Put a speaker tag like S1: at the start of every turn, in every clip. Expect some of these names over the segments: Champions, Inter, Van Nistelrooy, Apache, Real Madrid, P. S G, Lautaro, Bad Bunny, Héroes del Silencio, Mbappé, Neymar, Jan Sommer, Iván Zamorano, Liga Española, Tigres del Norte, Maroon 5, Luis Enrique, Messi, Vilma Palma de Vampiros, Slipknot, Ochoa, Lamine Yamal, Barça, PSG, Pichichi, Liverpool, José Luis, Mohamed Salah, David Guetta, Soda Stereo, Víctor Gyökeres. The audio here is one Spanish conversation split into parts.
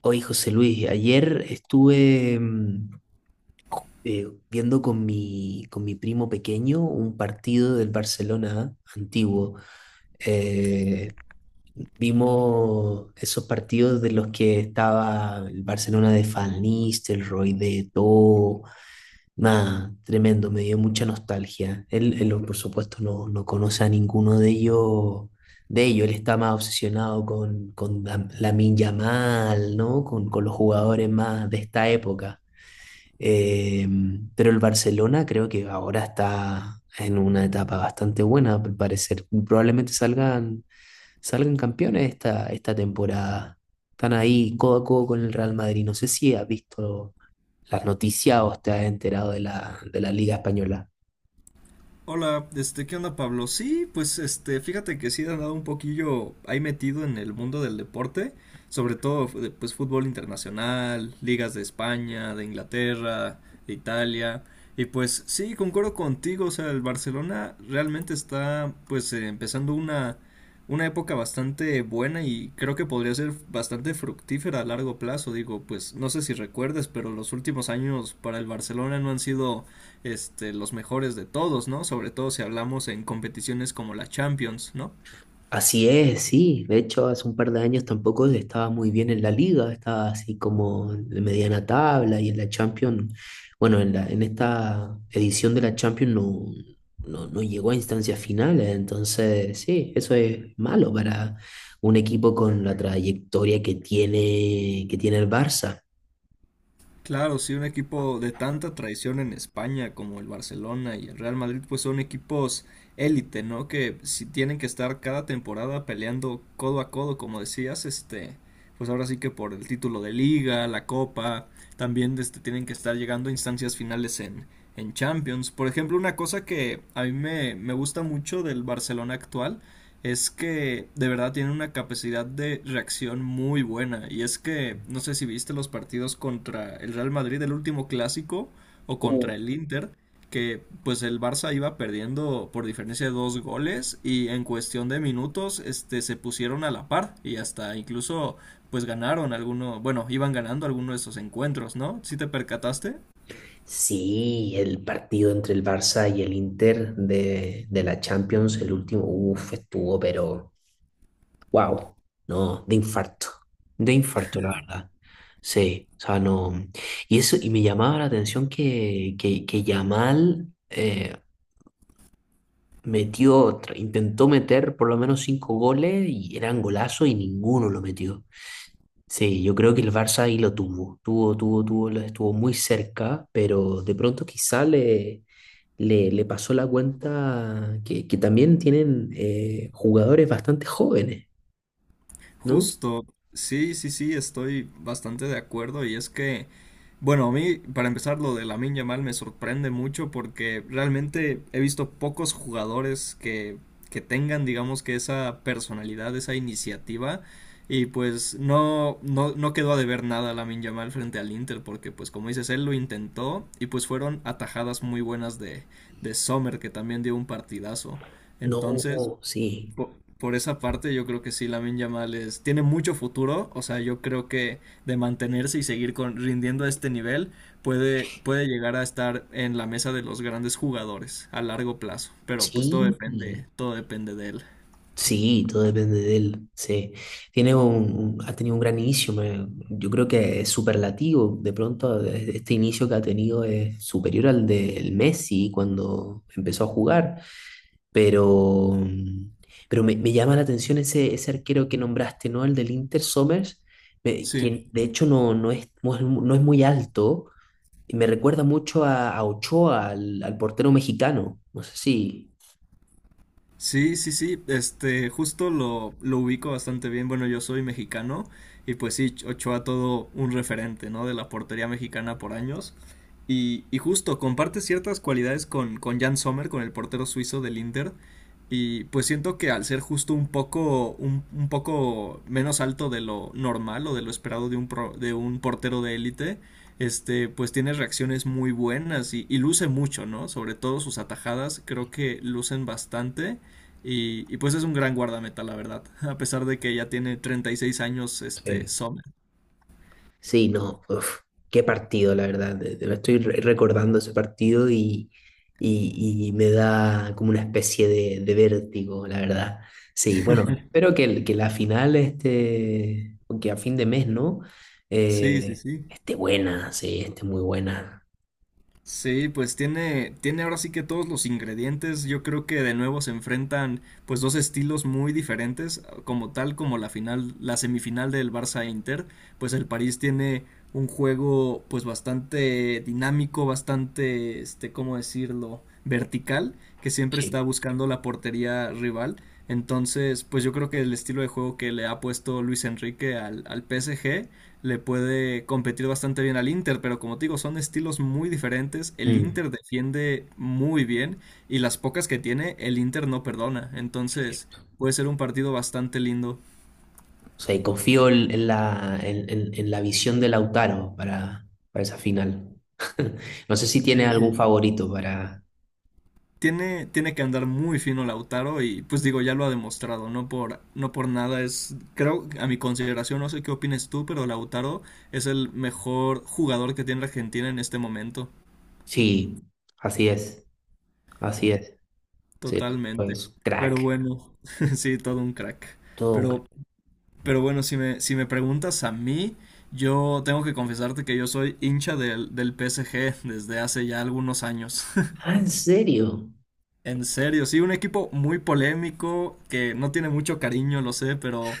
S1: Oye, José Luis, ayer estuve viendo con con mi primo pequeño un partido del Barcelona antiguo. Eh, Vimos esos partidos de los que estaba el Barcelona de Van Nistelrooy, de Eto'o. Nada, tremendo, me dio mucha nostalgia. Él, por supuesto, no conoce a ninguno de ellos, de ellos. Él está más obsesionado con Lamine Yamal, ¿no? Con los jugadores más de esta época. Eh, pero el Barcelona creo que ahora está en una etapa bastante buena, al parecer. Probablemente salgan campeones esta temporada. Están ahí codo a codo con el Real Madrid. No sé si has visto las noticias o te has enterado de la Liga Española.
S2: Hola, este, ¿qué onda, Pablo? Sí, pues este, fíjate que sí he andado un poquillo ahí metido en el mundo del deporte, sobre todo de, pues fútbol internacional, ligas de España, de Inglaterra, de Italia, y pues sí, concuerdo contigo, o sea, el Barcelona realmente está pues empezando una época bastante buena y creo que podría ser bastante fructífera a largo plazo, digo, pues no sé si recuerdes, pero los últimos años para el Barcelona no han sido este, los mejores de todos, ¿no? Sobre todo si hablamos en competiciones como la Champions, ¿no?
S1: Así es, sí. De hecho, hace un par de años tampoco estaba muy bien en la liga, estaba así como de mediana tabla, y en la Champions, bueno, en esta edición de la Champions no llegó a instancias finales, entonces sí, eso es malo para un equipo con la trayectoria que tiene el Barça.
S2: Claro, sí un equipo de tanta tradición en España como el Barcelona y el Real Madrid, pues son equipos élite, ¿no? Que si tienen que estar cada temporada peleando codo a codo, como decías, este, pues ahora sí que por el título de liga, la copa, también este, tienen que estar llegando a instancias finales en Champions. Por ejemplo, una cosa que a mí me gusta mucho del Barcelona actual es que de verdad tienen una capacidad de reacción muy buena. Y es que, no sé si viste los partidos contra el Real Madrid, el último clásico, o
S1: Uh,
S2: contra el Inter, que pues el Barça iba perdiendo por diferencia de dos goles y en cuestión de minutos este, se pusieron a la par y hasta incluso pues ganaron algunos, bueno, iban ganando algunos de esos encuentros, ¿no? ¿Sí te percataste?
S1: Sí, el partido entre el Barça y el Inter de la Champions, el último, estuvo, pero... Wow, no, de infarto, la verdad. Sí, o sea, no. Y eso, y me llamaba la atención que Yamal intentó meter por lo menos 5 goles y eran golazos, y ninguno lo metió. Sí, yo creo que el Barça ahí lo tuvo, tuvo, tuvo, tuvo, lo estuvo muy cerca, pero de pronto quizá le pasó la cuenta que también tienen jugadores bastante jóvenes, ¿no?
S2: Justo, sí, sí, sí, estoy bastante de acuerdo y es que bueno, a mí, para empezar, lo de Lamine Yamal me sorprende mucho porque realmente he visto pocos jugadores que tengan, digamos, que esa personalidad, esa iniciativa. Y pues no, no, no quedó a deber nada Lamine Yamal frente al Inter porque, pues como dices, él lo intentó y pues fueron atajadas muy buenas de Sommer que también dio un partidazo. Entonces,
S1: No, sí,
S2: por, por esa parte, yo creo que sí, Lamine Yamal es, tiene mucho futuro. O sea, yo creo que de mantenerse y seguir con, rindiendo a este nivel, puede, puede llegar a estar en la mesa de los grandes jugadores a largo plazo. Pero pues
S1: sí,
S2: todo depende de él.
S1: sí, todo depende de él. Sí. Tiene ha tenido un gran inicio, yo creo que es superlativo. De pronto, este inicio que ha tenido es superior al del Messi cuando empezó a jugar. Pero, pero me llama la atención ese arquero que nombraste, ¿no? El del Inter Somers, me-
S2: Sí.
S1: que de hecho no, no es, no es no es muy alto. Y me recuerda mucho a Ochoa, al portero mexicano. No sé si.
S2: Sí, sí, sí, este, justo lo ubico bastante bien. Bueno, yo soy mexicano y pues sí, Ochoa todo un referente, ¿no? De la portería mexicana por años. Y justo comparte ciertas cualidades con Jan Sommer, con el portero suizo del Inter. Y pues siento que al ser justo un poco, un poco menos alto de lo normal o de lo esperado de un, de un portero de élite, este, pues tiene reacciones muy buenas y luce mucho, ¿no? Sobre todo sus atajadas, creo que lucen bastante. Y pues es un gran guardameta, la verdad, a pesar de que ya tiene 36 años este
S1: Eh,
S2: Sommer.
S1: Sí, no, uf, qué partido, la verdad. Estoy recordando ese partido, y me da como una especie de vértigo, la verdad. Sí, bueno, espero que, que la final, este, que a fin de mes, ¿no?
S2: Sí, sí,
S1: Eh,
S2: sí.
S1: esté buena, sí, esté muy buena.
S2: Sí, pues tiene, tiene ahora sí que todos los ingredientes. Yo creo que de nuevo se enfrentan pues dos estilos muy diferentes, como tal como la final, la semifinal del Barça Inter, pues el París tiene un juego pues bastante dinámico, bastante este, ¿cómo decirlo? Vertical, que siempre
S1: Sí.
S2: está buscando la portería rival. Entonces, pues yo creo que el estilo de juego que le ha puesto Luis Enrique al, al PSG le puede competir bastante bien al Inter, pero como te digo, son estilos muy diferentes. El
S1: Mm, es
S2: Inter defiende muy bien y las pocas que tiene, el Inter no perdona. Entonces,
S1: cierto.
S2: puede ser un partido bastante lindo.
S1: O sea, y confío en, en la visión de Lautaro para esa final. No sé si tiene
S2: Sí,
S1: algún
S2: sí.
S1: favorito para...
S2: Tiene, tiene que andar muy fino Lautaro y pues digo, ya lo ha demostrado, no por, no por nada es, creo, a mi consideración, no sé qué opines tú, pero Lautaro es el mejor jugador que tiene Argentina en este momento,
S1: Sí, así es, así es. Sí, el loco
S2: totalmente.
S1: es un
S2: Pero
S1: crack,
S2: bueno, sí, todo un crack.
S1: todo un crack.
S2: Pero Pero bueno, si me, si me preguntas a mí, yo tengo que confesarte que yo soy hincha del, del PSG desde hace ya algunos años.
S1: Ah, ¿en serio?
S2: En serio, sí, un equipo muy polémico, que no tiene mucho cariño, lo sé,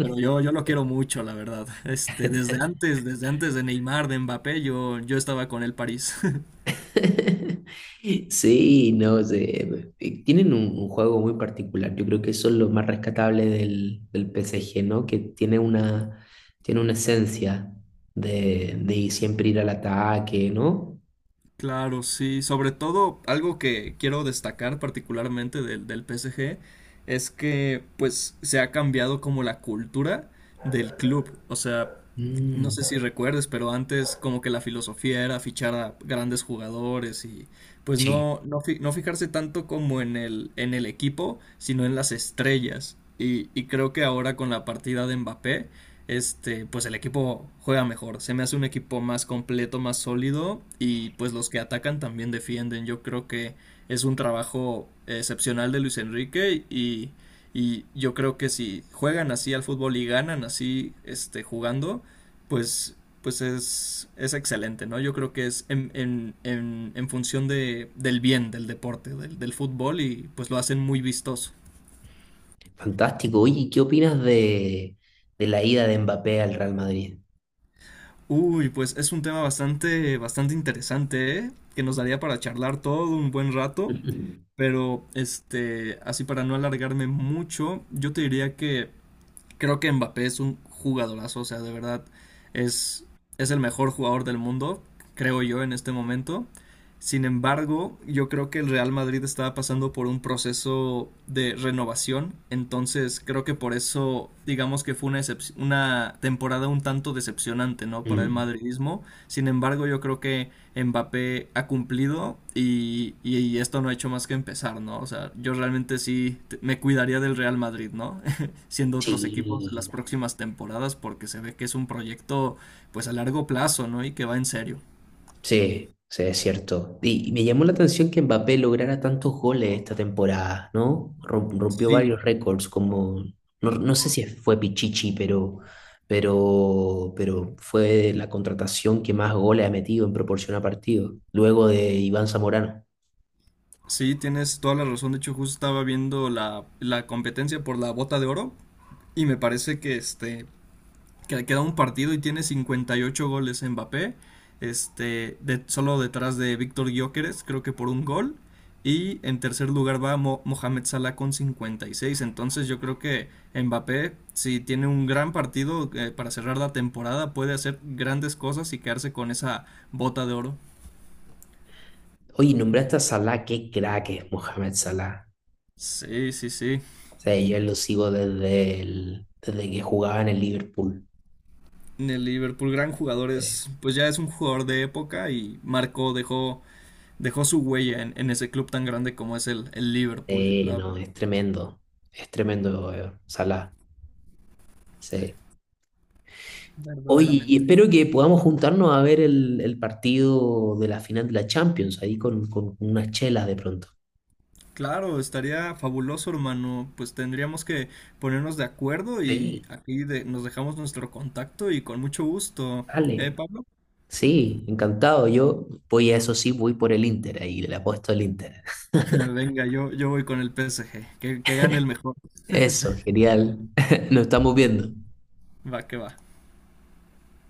S2: pero yo lo quiero mucho, la verdad. Este, desde antes de Neymar, de Mbappé, yo estaba con el París.
S1: Sí, no sé. Tienen un juego muy particular. Yo creo que eso es lo más rescatable del P. S G. ¿no? Que tiene una esencia de siempre ir al ataque, ¿no?
S2: Claro, sí. Sobre todo, algo que quiero destacar particularmente del, del PSG es que pues se ha cambiado como la cultura del club. O sea, no sé
S1: Mm,
S2: si recuerdes, pero antes como que la filosofía era fichar a grandes jugadores y pues
S1: sí,
S2: no, no, no fijarse tanto como en el equipo, sino en las estrellas. Y creo que ahora con la partida de Mbappé, este, pues el equipo juega mejor. Se me hace un equipo más completo, más sólido y pues los que atacan también defienden. Yo creo que es un trabajo excepcional de Luis Enrique y yo creo que si juegan así al fútbol y ganan así este, jugando, pues, pues es excelente, ¿no? Yo creo que es en función del bien del deporte, del, del fútbol y pues lo hacen muy vistoso.
S1: fantástico. Oye, ¿qué opinas de la ida de Mbappé al Real Madrid?
S2: Uy, pues es un tema bastante, bastante interesante, ¿eh? Que nos daría para charlar todo un buen rato. Pero, este, así para no alargarme mucho, yo te diría que creo que Mbappé es un jugadorazo, o sea, de verdad es, es el mejor jugador del mundo, creo yo, en este momento. Sin embargo, yo creo que el Real Madrid estaba pasando por un proceso de renovación, entonces creo que por eso digamos que fue una, una temporada un tanto decepcionante, ¿no? Para el
S1: Mm.
S2: madridismo. Sin embargo, yo creo que Mbappé ha cumplido y, y esto no ha hecho más que empezar, ¿no? O sea, yo realmente sí me cuidaría del Real Madrid, ¿no? Siendo otros equipos en
S1: Sí,
S2: las próximas temporadas porque se ve que es un proyecto pues a largo plazo, ¿no? Y que va en serio.
S1: sí, sí, es cierto. Y me llamó la atención que Mbappé lograra tantos goles esta temporada, ¿no? Rompió
S2: Sí,
S1: varios récords, como, no, no sé si fue Pichichi, pero, pero fue la contratación que más goles ha metido en proporción a partido, luego de Iván Zamorano.
S2: sí, tienes toda la razón. De hecho, justo estaba viendo la, la competencia por la bota de oro y me parece que este que le queda un partido y tiene 58 goles en Mbappé, este, de, solo detrás de Víctor Gyökeres, creo que por un gol. Y en tercer lugar va Mo Mohamed Salah con 56. Entonces yo creo que Mbappé, si tiene un gran partido para cerrar la temporada, puede hacer grandes cosas y quedarse con esa bota de oro.
S1: Oye, nombraste a Salah, qué crack es Mohamed Salah.
S2: Sí, sí, sí.
S1: O sea, yo lo sigo desde, desde que jugaba en el Liverpool.
S2: En el Liverpool, gran jugador,
S1: Sí.
S2: es, pues ya es un jugador de época y marcó, dejó, dejó su huella en ese club tan grande como es el Liverpool,
S1: Sí,
S2: la
S1: no, es
S2: verdad.
S1: tremendo. Es tremendo, Salah. Sí. Oye, y
S2: Verdaderamente.
S1: espero que podamos juntarnos a ver el partido de la final de la Champions, ahí con unas chelas de pronto.
S2: Claro, estaría fabuloso, hermano. Pues tendríamos que ponernos de acuerdo y
S1: Sí,
S2: aquí nos dejamos nuestro contacto y con mucho gusto. ¿Eh,
S1: dale.
S2: Pablo?
S1: Sí, encantado. Yo voy a eso sí, voy por el Inter ahí, le apuesto al Inter.
S2: Venga, yo voy con el PSG. Que gane el mejor.
S1: Eso, genial. Nos estamos viendo.
S2: Va, que va.